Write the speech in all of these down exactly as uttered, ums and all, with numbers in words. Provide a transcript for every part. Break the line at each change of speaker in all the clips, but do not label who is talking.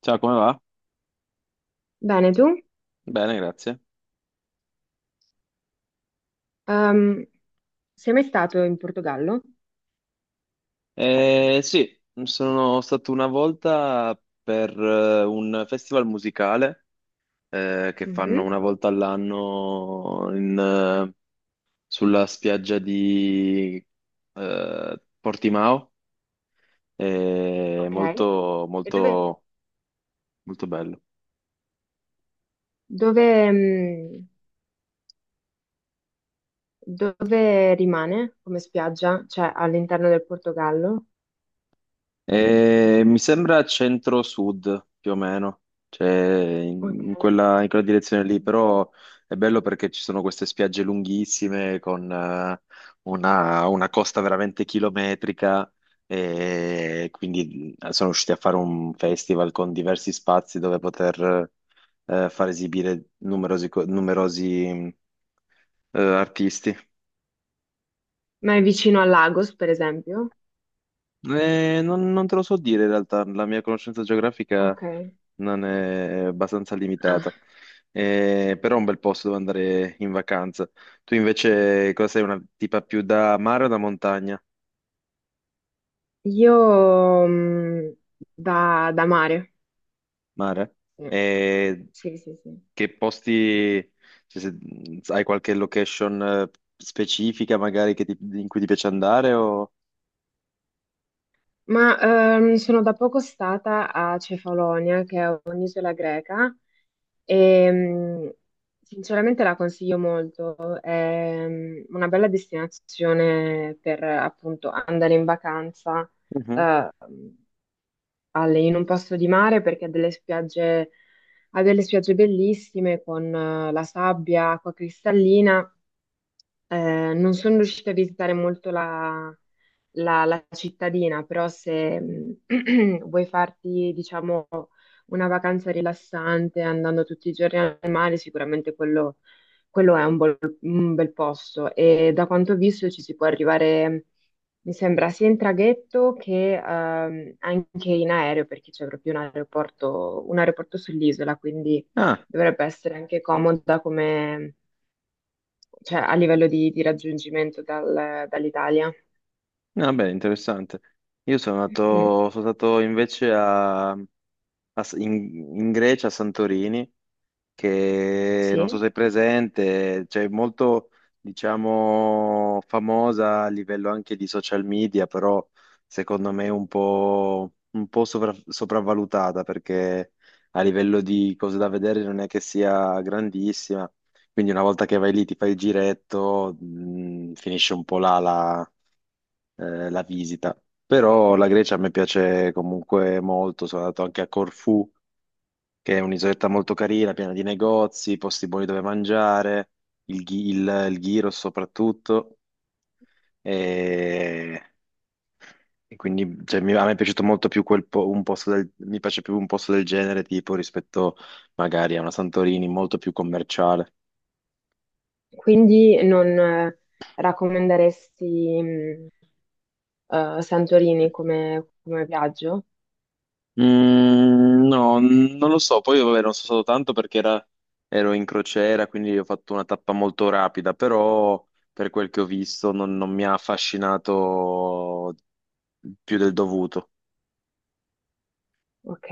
Ciao, come va?
Bene, tu?
Bene, grazie.
Ehm, Sei mai stato in Portogallo?
Eh, sì, sono stato una volta per eh, un festival musicale eh, che fanno
Mhm.
una volta all'anno in, eh, sulla spiaggia di eh, Portimao. È
Ok.
molto,
E dove,
molto, molto bello.
dove, mh, dove rimane come spiaggia? Cioè all'interno del Portogallo?
Eh, mi sembra centro-sud più o meno, cioè in
Ok.
in quella, in quella direzione lì, però è bello perché ci sono queste spiagge lunghissime con eh, una, una costa veramente chilometrica e quindi eh, sono riusciti a fare un festival con diversi spazi dove poter eh, far esibire numerosi, co- numerosi, eh, artisti.
Ma è vicino a Lagos, per esempio?
Eh, non, non te lo so dire in realtà, la mia conoscenza geografica
Ok.
non è abbastanza limitata.
Ah.
Eh, però è un bel posto dove andare in vacanza. Tu invece cosa sei, una tipa più da mare o da montagna?
Io mh, da, da mare.
Mare? Eh,
Sì, sì, sì, sì.
che posti, cioè, se- hai qualche location eh, specifica magari che ti- in cui ti piace andare o...
Ma ehm, sono da poco stata a Cefalonia, che è un'isola greca, e mm, sinceramente la consiglio molto. È mm, una bella destinazione per appunto andare in vacanza
Mhm.
eh, alle- in un posto di mare perché ha delle spiagge, ha delle spiagge bellissime con eh, la sabbia, acqua cristallina. Eh, non sono riuscita a visitare molto la, la- la cittadina, però se mh, vuoi farti, diciamo, una vacanza rilassante andando tutti i giorni al mare, sicuramente quello, quello è un, bol- un bel posto. E da quanto ho visto ci si può arrivare, mm, mi sembra, sia in traghetto che ehm, anche in aereo, perché c'è proprio un aeroporto, un aeroporto sull'isola, quindi
Ah,
dovrebbe essere anche comoda, cioè a livello di, di raggiungimento dal- dall'Italia.
vabbè, interessante. Io sono
Mm,
andato, sono stato invece a a S- in, in Grecia, a Santorini, che non so
sì.
se è presente, cioè molto, diciamo, famosa a livello anche di social media, però secondo me un po', un po' sovra- sopravvalutata perché a livello di cose da vedere non è che sia grandissima. Quindi una volta che vai lì, ti fai il giretto, mh, finisce un po' là la, eh, la visita. Però la Grecia a me piace comunque molto, sono andato anche a Corfù, che è un'isoletta molto carina, piena di negozi, posti buoni dove mangiare, il, ghi- il, il gyro soprattutto. E, e quindi cioè, mi- a me è piaciuto molto più quel po- un posto del, mi piace più un posto del genere tipo rispetto magari a una Santorini molto più commerciale.
Quindi non eh, raccomanderesti mm, eh, Santorini come, come viaggio?
Mm, no, n- non lo so. Poi vabbè, non so stato tanto perché era- ero in crociera, quindi ho fatto una tappa molto rapida, però per quel che ho visto non non mi ha affascinato più del dovuto.
Ok,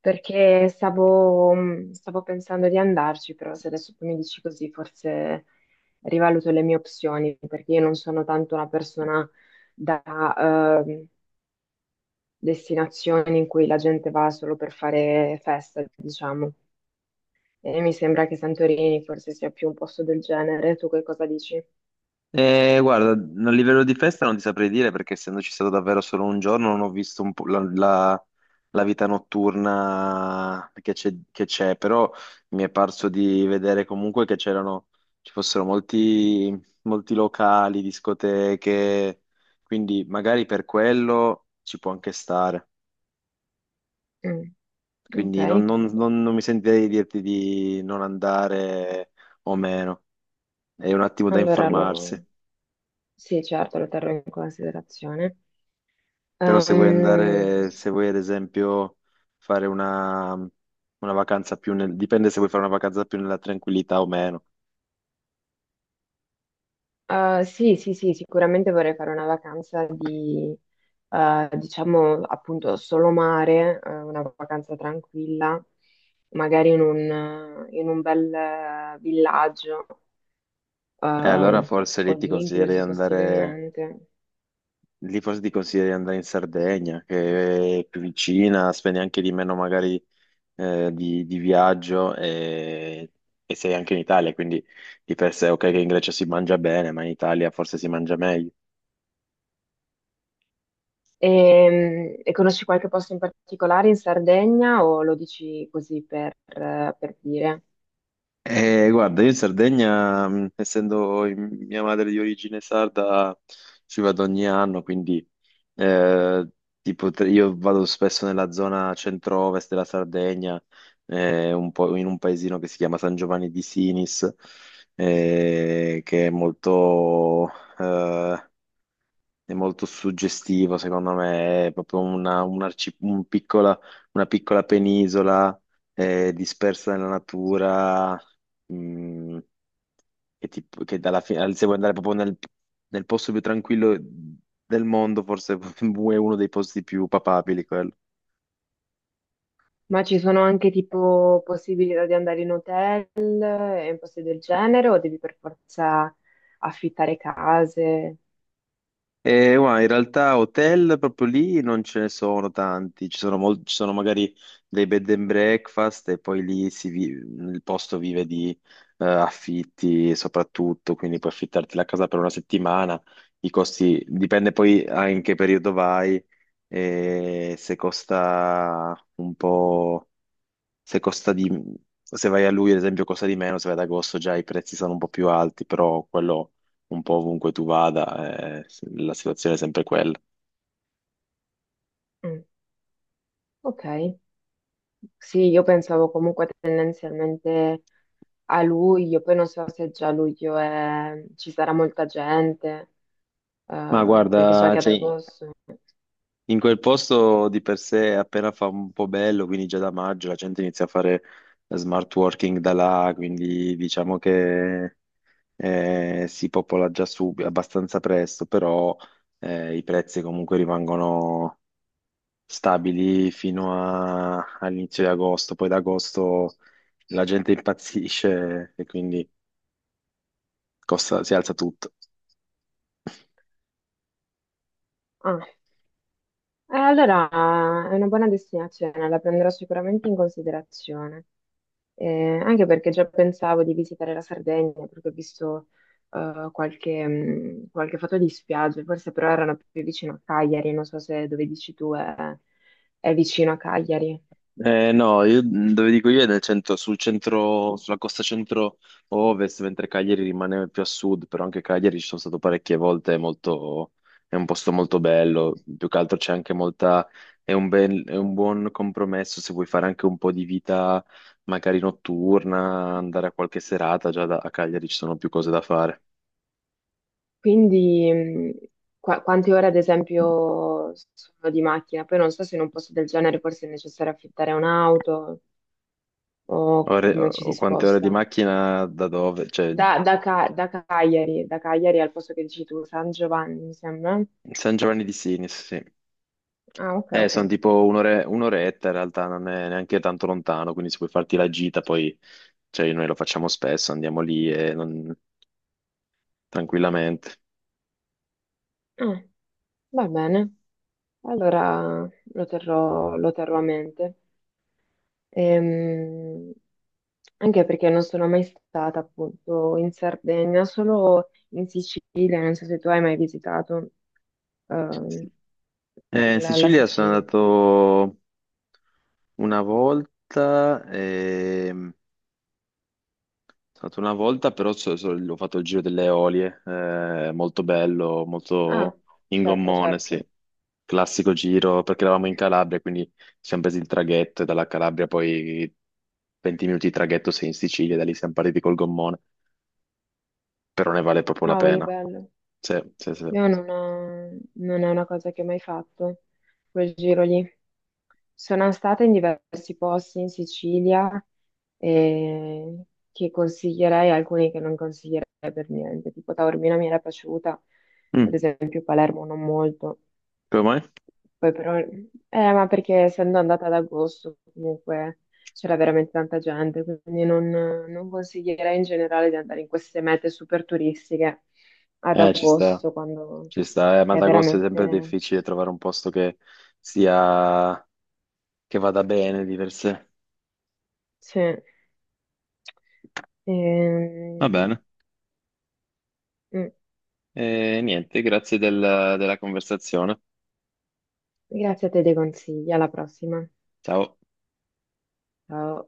perché stavo, mm, stavo pensando di andarci, però se adesso tu mi dici così, forse rivaluto le mie opzioni, perché io non sono tanto una persona da eh, destinazioni in cui la gente va solo per fare festa, diciamo. E mi sembra che Santorini forse sia più un posto del genere. Tu che cosa dici?
Eh, guarda, a livello di festa non ti saprei dire perché essendoci stato davvero solo un giorno non ho visto un po' la, la- la vita notturna che c'è, che c'è, però mi è parso di vedere comunque che c'erano, ci fossero molti, molti locali, discoteche, quindi magari per quello ci può anche stare.
Mm, ok,
Quindi non, non- non- non mi sentirei di dirti di non andare o meno, è un attimo da
allora
informarsi.
lo... Sì, certo, lo terrò in considerazione.
Però se vuoi
Ehm,
andare, se vuoi ad esempio fare una, una vacanza più nel, dipende se vuoi fare una vacanza più nella tranquillità o meno.
eh, sì, sì, sì, sicuramente vorrei fare una vacanza di, eh, diciamo, appunto, solo mare, eh, una vacanza tranquilla, magari in un, in un bel eh, villaggio,
E allora
ehm,
forse
o
lì ti
lì
consiglierei di
inclusi
andare,
possibilmente.
Lì forse ti consiglierei di andare in Sardegna, che è più vicina, spendi anche di meno magari eh, di, di viaggio e, e sei anche in Italia, quindi di per sé ok che in Grecia si mangia bene, ma in Italia forse si mangia meglio.
E, e conosci qualche posto in particolare in Sardegna o lo dici così per, per dire?
Eh, guarda, io in Sardegna, mh, essendo in- mia madre di origine sarda, ci vado ogni anno, quindi eh, tipo, tre- io vado spesso nella zona centro-ovest della Sardegna, eh, un po' in un paesino che si chiama San Giovanni di Sinis, eh, che è molto, eh, è molto suggestivo, secondo me, è proprio una, un arci- un piccola, una piccola penisola eh, dispersa nella natura, mh, che, ti- che dalla fine, se vuoi andare proprio nel, nel posto più tranquillo del mondo, forse è uno dei posti più papabili quello.
Ma ci sono anche tipo possibilità di andare in hotel e in posti del genere o devi per forza affittare case?
Eh, guarda, in realtà hotel proprio lì non ce ne sono tanti, ci sono, mol- ci sono magari dei bed and breakfast e poi lì si vi- il posto vive di eh, affitti soprattutto, quindi puoi affittarti la casa per una settimana, i costi dipende poi a in che periodo vai, e se costa un po' se costa di... se vai a luglio, ad esempio, costa di meno, se vai ad agosto già i prezzi sono un po' più alti, però quello un po' ovunque tu vada, eh, la situazione è sempre quella.
Mm, ok, sì, io pensavo comunque tendenzialmente a luglio, poi non so se già a luglio è- ci sarà molta gente,
Ma
eh, perché so
guarda,
che ad
cioè,
agosto...
in quel posto di per sé appena fa un po' bello, quindi già da maggio la gente inizia a fare smart working da là, quindi diciamo che eh, si popola già subito, abbastanza presto, però eh, i prezzi comunque rimangono stabili fino a- all'inizio di agosto, poi da agosto la gente impazzisce e quindi costa- si alza tutto.
Ah. Eh, allora, è una buona destinazione, la prenderò sicuramente in considerazione. Eh, anche perché già pensavo di visitare la Sardegna, perché ho visto eh, qualche, mh, qualche foto di spiagge, forse però erano più vicino a Cagliari, non so se dove dici tu è, è vicino a Cagliari.
Eh, no, io dove dico io è nel centro, sul centro, sulla costa centro-ovest, mentre Cagliari rimane più a sud, però anche Cagliari ci sono stato parecchie volte, è molto- è un posto molto bello, più che altro c'è anche molta, è un bel- è un buon compromesso se vuoi fare anche un po' di vita magari notturna, andare a qualche serata, già da- a Cagliari ci sono più cose da fare.
Quindi, mh, qua- quante ore ad esempio sono di macchina? Poi non so se in un posto del genere forse è necessario affittare un'auto o
Ore,
come ci si
oh, quante ore di
sposta.
macchina da dove? Cioè,
Da, da Ca- da Cagliari, da Cagliari al posto che dici tu, San Giovanni, mi sembra.
San Giovanni di Sinis, sì.
Ah, ok,
Eh,
ok.
sono tipo un'ore- un'oretta in realtà, non è neanche tanto lontano, quindi se puoi farti la gita, poi cioè, noi lo facciamo spesso, andiamo lì e non- tranquillamente.
Ah, va bene. Allora lo terrò, lo terrò a mente. Ehm, anche perché non sono mai stata appunto in Sardegna, solo in Sicilia. Non so se tu hai mai visitato ehm,
Sì. Eh, in
la, la
Sicilia sono
Sicilia.
andato una volta, stato una volta, però so- so- ho fatto il giro delle Eolie, eh, molto bello,
Ah,
molto in
certo,
gommone, sì.
certo.
Classico giro, perché eravamo in Calabria, quindi ci siamo presi il traghetto e dalla Calabria poi venti minuti di traghetto sei in Sicilia, da lì siamo partiti col gommone, però ne vale proprio la
Cavoli,
pena.
bello.
Sì, sì, sì.
Io non, ho- non è una cosa che ho mai fatto, quel giro lì. Sono stata in diversi posti in Sicilia eh, che consiglierei, alcuni che non consiglierei per niente, tipo Taormina mi era piaciuta, ad
Mm,
esempio Palermo non molto,
come mai?
poi però, eh, ma perché essendo andata ad agosto comunque c'era veramente tanta gente, quindi non, non consiglierei in generale di andare in queste mete super turistiche ad
Eh, ci sta,
agosto quando
ci sta. Eh, ad
è
agosto è sempre
veramente...
difficile trovare un posto che sia, che vada bene di per sé.
Sì. Ehm,
Va bene.
mm.
E niente, grazie del- della conversazione.
Grazie a te dei consigli, alla prossima.
Ciao.
Ciao.